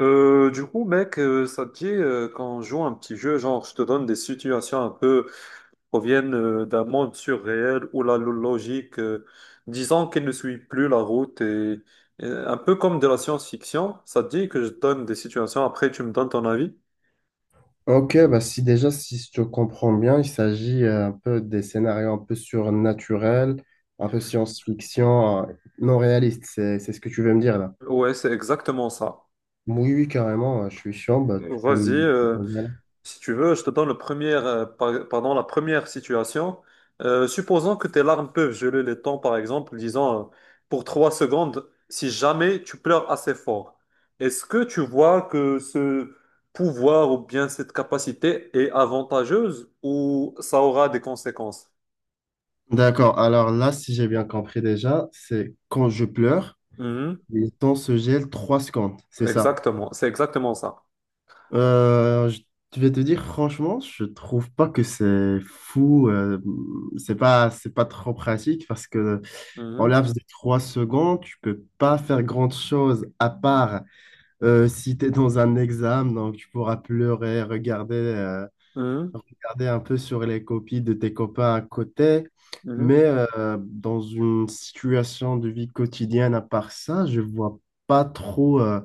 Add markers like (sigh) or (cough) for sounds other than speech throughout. Mec, ça te dit qu'on joue un petit jeu, genre je te donne des situations un peu proviennent d'un monde surréel où logique, disons qu'elle ne suit plus la route et un peu comme de la science-fiction, ça te dit que je te donne des situations, après tu me donnes ton avis? Ok, bah si déjà, si je te comprends bien, il s'agit un peu des scénarios un peu surnaturels, un peu science-fiction, non réaliste, c'est ce que tu veux me dire là. Ouais, c'est exactement ça. Oui, oui, carrément, je suis chaud, bah, tu peux Vas-y, me euh, proposer, allez. Si tu veux, je te donne le premier, pardon, la première situation. Supposons que tes larmes peuvent geler les temps, par exemple, disons pour trois secondes, si jamais tu pleures assez fort. Est-ce que tu vois que ce pouvoir ou bien cette capacité est avantageuse ou ça aura des conséquences? D'accord, alors là, si j'ai bien compris déjà, c'est quand je pleure, Mhm. le temps se gèle 3 secondes, c'est ça. Exactement, c'est exactement ça. Euh, je je vais te dire, franchement, je trouve pas que c'est fou, c'est pas trop pratique parce que. En Mhm. laps de trois secondes, tu peux pas faire grande chose à part si tu es dans un examen, donc tu pourras pleurer, regarder, euh, Mhm. regarder un peu sur les copies de tes copains à côté. Mhm. Mais dans une situation de vie quotidienne, à part ça, je vois pas trop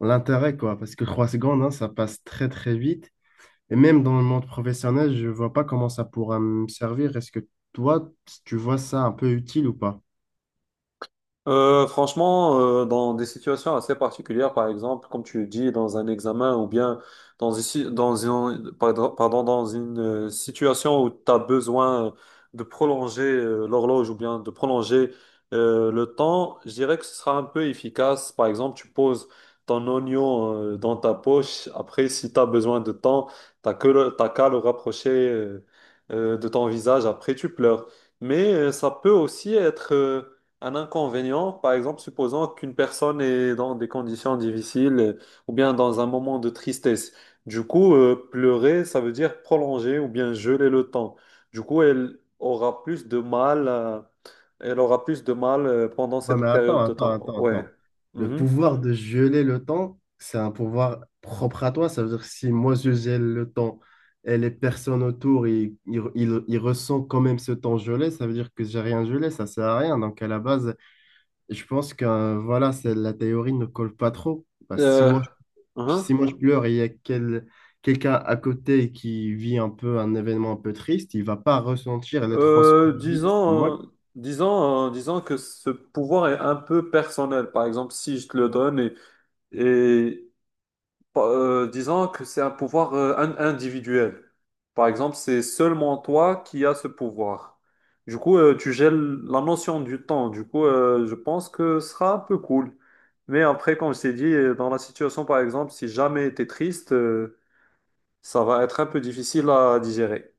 l'intérêt, quoi, parce que trois secondes, hein, ça passe très très vite. Et même dans le monde professionnel, je vois pas comment ça pourra me servir. Est-ce que toi, tu vois ça un peu utile ou pas? Franchement, dans des situations assez particulières, par exemple, comme tu le dis, dans un examen ou bien dans une, si- dans une- pardon, pardon, dans une situation où tu as besoin de prolonger l'horloge ou bien de prolonger le temps, je dirais que ce sera un peu efficace. Par exemple, tu poses ton oignon dans ta poche. Après, si tu as besoin de temps, t'as qu'à le rapprocher de ton visage. Après, tu pleures. Mais ça peut aussi être... un inconvénient, par exemple, supposons qu'une personne est dans des conditions difficiles ou bien dans un moment de tristesse. Du coup, pleurer, ça veut dire prolonger ou bien geler le temps. Elle aura plus de mal, pendant Ouais, mais cette attends, période de attends, temps. attends, Ouais. attends. Le Mhm. pouvoir de geler le temps, c'est un pouvoir propre à toi. Ça veut dire que si moi je gèle le temps et les personnes autour, ils ressentent quand même ce temps gelé, ça veut dire que j'ai rien gelé, ça sert à rien. Donc à la base, je pense que voilà, c'est, la théorie ne colle pas trop. Bah, Euh, mhm. si moi je pleure et il y a quelqu'un à côté qui vit un peu un événement un peu triste, il va pas ressentir les trois secondes Euh, gelées. disons, euh, Disons que ce pouvoir est un peu personnel. Par exemple, si je te le donne et, disons que c'est un pouvoir individuel. Par exemple, c'est seulement toi qui as ce pouvoir. Du coup, tu gèles la notion du temps. Du coup, je pense que ce sera un peu cool. Mais après, comme je t'ai dit, dans la situation, par exemple, si jamais tu es triste, ça va être un peu difficile à digérer.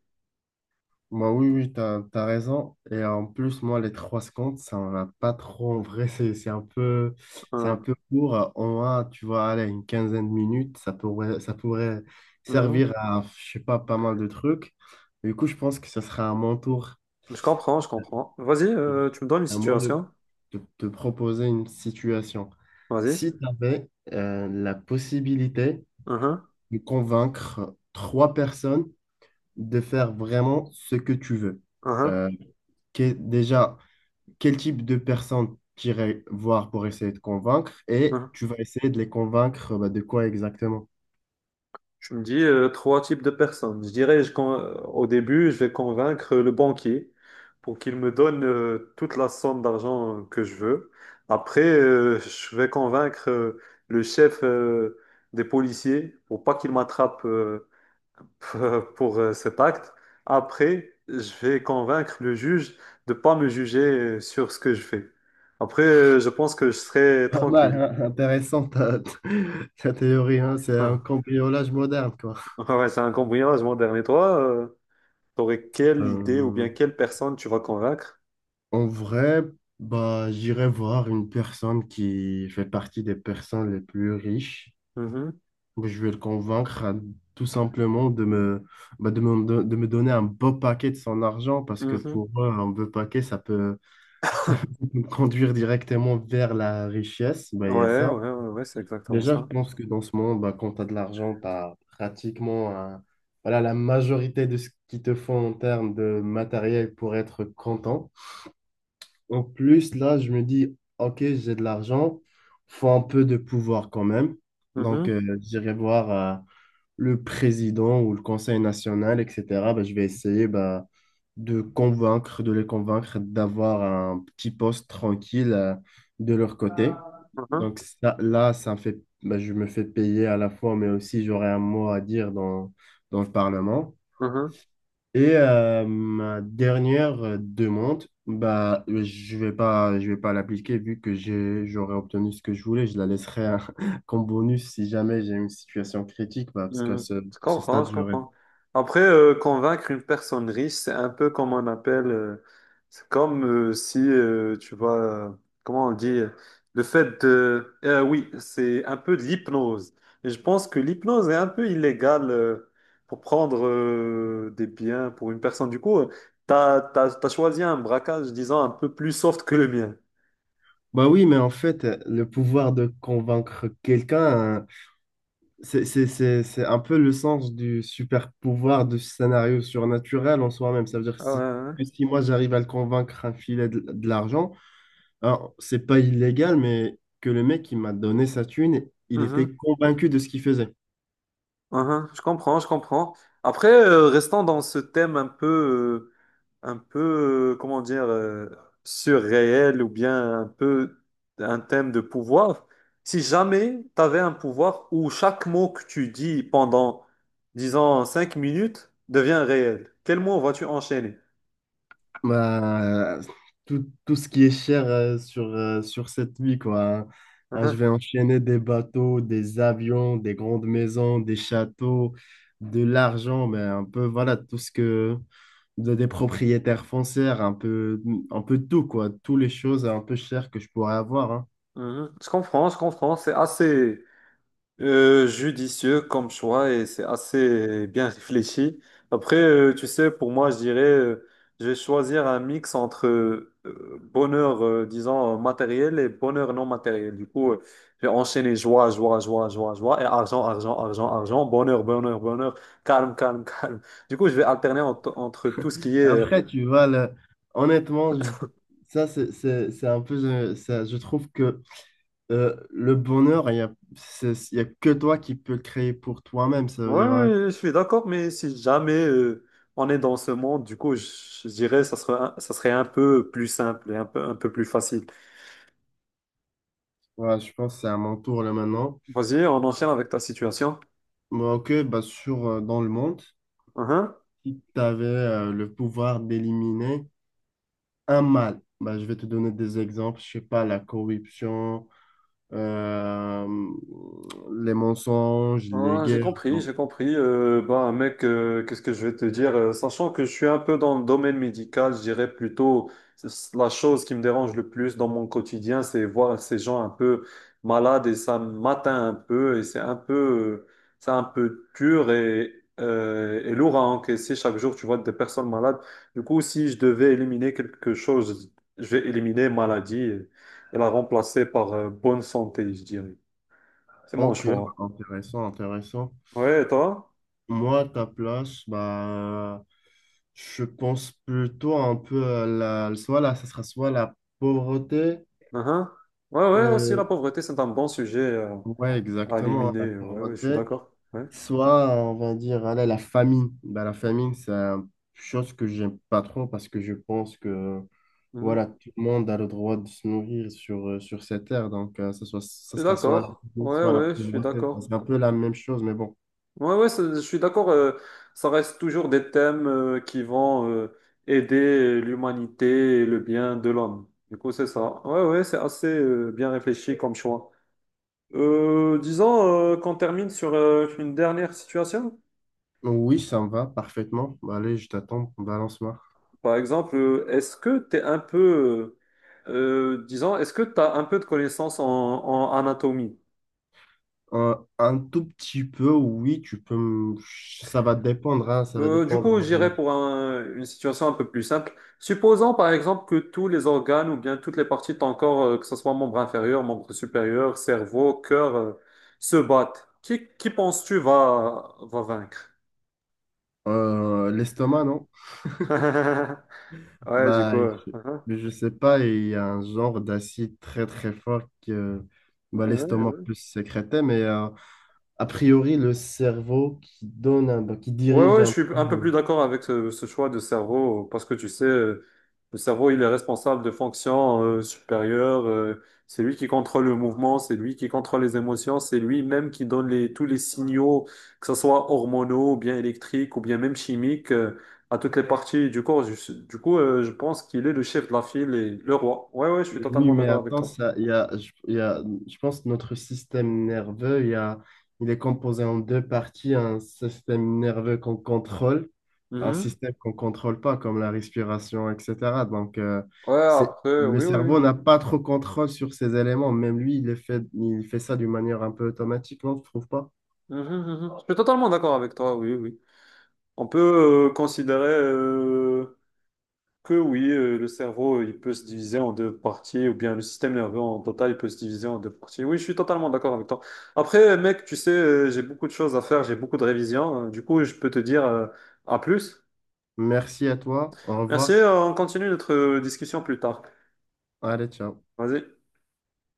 Bah oui, oui, t'as raison. Et en plus, moi, les trois secondes, ça m'en a pas trop en vrai. C'est, c'est un peu, c'est un Hein. peu court. On a, tu vois, allez, une quinzaine de minutes, ça pourrait Mhm. servir à, je sais pas, pas mal de trucs. Du coup, je pense que ce sera à mon tour, Je comprends, je comprends. Vas-y, tu me donnes une à moi de situation. de te proposer une situation. Vas-y. Si tu avais la possibilité Mhm, de convaincre trois personnes de faire vraiment ce que tu veux, mhm, euh, déjà, quel type de personnes tu irais voir pour essayer de convaincre et mhm. tu vas essayer de les convaincre bah, de quoi exactement? Tu me dis trois types de personnes. Je dirais, au début, je vais convaincre le banquier pour qu'il me donne toute la somme d'argent que je veux. Après, je vais convaincre le chef des policiers pour pas qu'il m'attrape (laughs) pour cet acte. Après, je vais convaincre le juge de pas me juger sur ce que je fais. Après, je pense que je serai Pas mal, tranquille. hein, intéressant ta, (laughs) ta théorie, hein, c'est un (laughs) cambriolage moderne, quoi. Ouais, c'est un cambriolage, mon dernier. Toi, t'aurais quelle idée ou bien Euh, quelle personne tu vas convaincre? en vrai, bah, j'irai voir une personne qui fait partie des personnes les plus riches. Mhm, Je vais le convaincre tout simplement bah, de me donner un beau paquet de son argent parce que mhm. pour eux, un beau paquet, ça peut me (laughs) conduire directement vers la richesse, bah, il y a Ouais, ouais, ça. ouais, ouais, c'est exactement Déjà, je ça. pense que dans ce monde, bah, quand tu as de l'argent, tu as pratiquement voilà, la majorité de ce qu'il te faut en termes de matériel pour être content. En plus, là, je me dis, OK, j'ai de l'argent, faut un peu de pouvoir quand même. Donc, Mhm, j'irai voir, le président ou le conseil national, etc., ben, je vais essayer ben, de les convaincre d'avoir un petit poste tranquille de leur côté. mhm, Donc ça, là, ça me fait, ben, je me fais payer à la fois, mais aussi j'aurai un mot à dire dans le Parlement. mhm. Et ma dernière demande, bah, je vais pas l'appliquer vu que j'ai, j'aurais obtenu ce que je voulais. Je la laisserai hein, (laughs) comme bonus si jamais j'ai une situation critique, bah, parce qu'à Mhm. ce, Je ce comprends, stade, je j'aurais. comprends. Après, convaincre une personne riche, c'est un peu comme on appelle, c'est comme si, tu vois, euh, comment on dit, oui, c'est un peu de l'hypnose. Et je pense que l'hypnose est un peu illégale pour prendre des biens pour une personne. Du coup, t'as choisi un braquage, disons, un peu plus soft que le mien. Bah oui, mais en fait, le pouvoir de convaincre quelqu'un, hein, c'est un peu le sens du super pouvoir du scénario surnaturel en soi-même. Ça veut dire Ah ouais, ouais. que si moi j'arrive à le convaincre un filet de l'argent. Alors, c'est pas illégal, mais que le mec qui m'a donné sa thune, il était Mhm, convaincu de ce qu'il faisait. mhm. Je comprends, je comprends. Après, restons dans ce thème un peu... euh, comment dire, surréel ou bien un peu un thème de pouvoir. Si jamais tu avais un pouvoir où chaque mot que tu dis pendant, disons, 5 minutes devient réel, quel mot vas-tu enchaîner? Bah, tout ce qui est cher sur cette vie, quoi. Hein, hein, je vais (laughs) enchaîner des bateaux, des avions, des grandes maisons, des châteaux, de l'argent, mais un peu, voilà, tout ce que... des propriétaires foncières, un peu tout, quoi. Toutes les choses un peu chères que je pourrais avoir, hein. Mhm, mhm. Je comprends, c'est assez judicieux comme choix et c'est assez bien réfléchi. Après, tu sais, pour moi, je dirais, je vais choisir un mix entre bonheur, disons, matériel et bonheur non matériel. Du coup, je vais enchaîner joie, joie, joie, joie, joie et argent, argent, argent, argent, bonheur, bonheur, bonheur, calme, calme, (laughs) calme. Je vais entre tout ce qui est... Après, tu vois, honnêtement, c'est un peu, je trouve que le bonheur, il y a que toi qui peux le créer pour toi-même. Ça veut ouais, dire, hein, ouais, je suis d'accord, mais si jamais on est dans ce monde, je dirais ça serait un peu plus simple et un peu plus facile. voilà, je pense que c'est à mon tour là maintenant. Vas-y, on enchaîne avec ta situation. Bon, ok, bah, dans le monde, Uh-huh. si tu avais le pouvoir d'éliminer un mal, bah, je vais te donner des exemples. Je sais pas, la corruption, euh, les mensonges, les Ah, j'ai guerres, compris, genre. j'ai compris. Bah, mec, qu'est-ce que je vais te dire? Sachant que je suis un peu dans le domaine médical, je dirais plutôt c'est la chose qui me dérange le plus dans mon quotidien, c'est voir ces gens un peu malades et ça m'atteint un peu et c'est un peu dur et et lourd à encaisser chaque jour. Tu vois des personnes malades. Du coup, si je devais éliminer quelque chose, je vais éliminer maladie et la remplacer par bonne santé, je dirais. C'est mon Ok, choix. intéressant, intéressant. Ouais, et toi? Moi, à ta place, bah, je pense plutôt un peu à soit là, ça sera soit la pauvreté, Mhm. Ouais, ouais, aussi la euh, pauvreté, c'est un bon sujet ouais, à exactement, hein, la éliminer. Ouais, ouais, je suis pauvreté, d'accord. Ouais. soit on va dire, allez, la famine. Bah, la famine, c'est une chose que j'aime pas trop parce que je pense que voilà, Mhm. tout le monde a le droit de se nourrir sur cette terre, donc ça Je suis sera soit la d'accord. famine, Ouais, soit la ouais, je suis pauvreté. Enfin, d'accord. c'est un peu la même chose, mais bon. Je suis d'accord. Ça reste toujours des thèmes qui vont aider l'humanité et le bien de l'homme. Du coup, c'est ça. Ouais, ouais, c'est assez bien réfléchi comme choix. Disons qu'on termine sur une dernière situation. Oui, ça me va parfaitement. Allez, je t'attends, balance-moi. Par exemple, est-ce que tu es un peu. Disons, est-ce que tu as un peu de connaissances en anatomie? Un tout petit peu, oui, tu peux. Ça va dépendre, hein, ça va Du coup, dépendre j'irai pour une situation un peu plus simple. Supposons par exemple que tous les organes ou bien toutes les parties de ton corps, que ce soit membre inférieur, membre supérieur, cerveau, cœur, se battent. Qui penses-tu va vaincre? L'estomac, non? (laughs) Ouais, du Bah, coup. euh, (laughs) je sais pas, il y a un genre d'acide très très fort que bah, ouais, l'estomac ouais. peut sécréter, mais a priori, le cerveau qui donne, bah, qui Ouais, dirige ouais, je un suis peu, un peu plus d'accord avec ce choix de cerveau, parce que tu sais, le cerveau, il est responsable de fonctions supérieures, c'est lui qui contrôle le mouvement, c'est lui qui contrôle les émotions, c'est lui-même qui donne tous les signaux, que ce soit hormonaux, ou bien électriques, ou bien même chimiques, à toutes les parties du corps. Du coup, je pense qu'il est le chef de la file et le roi. Ouais, ouais, je suis Oui, totalement mais d'accord avec attends, toi. ça, il y a, je, il y a- je pense que notre système nerveux, il est composé en deux parties, un système nerveux qu'on contrôle, un Mhm. système qu'on contrôle pas, comme la respiration, etc. Donc, Ouais, après, le oui, oui. cerveau oui. n'a pas trop contrôle sur ces éléments. Même lui, il les fait, il fait ça d'une manière un peu automatique, non, tu trouves pas? Mhm, mhm. Je suis totalement d'accord avec toi, oui, oui. On peut considérer que oui, le cerveau, il peut se diviser en deux parties, ou bien le système nerveux en total, il peut se diviser en deux parties. Oui, je suis totalement d'accord avec toi. Après, mec, tu sais, j'ai beaucoup de choses à faire, j'ai beaucoup de révisions. Du coup, je peux te dire à plus. Merci à toi. Au Merci, revoir. On continue notre discussion plus tard. Allez, ciao. Vas-y.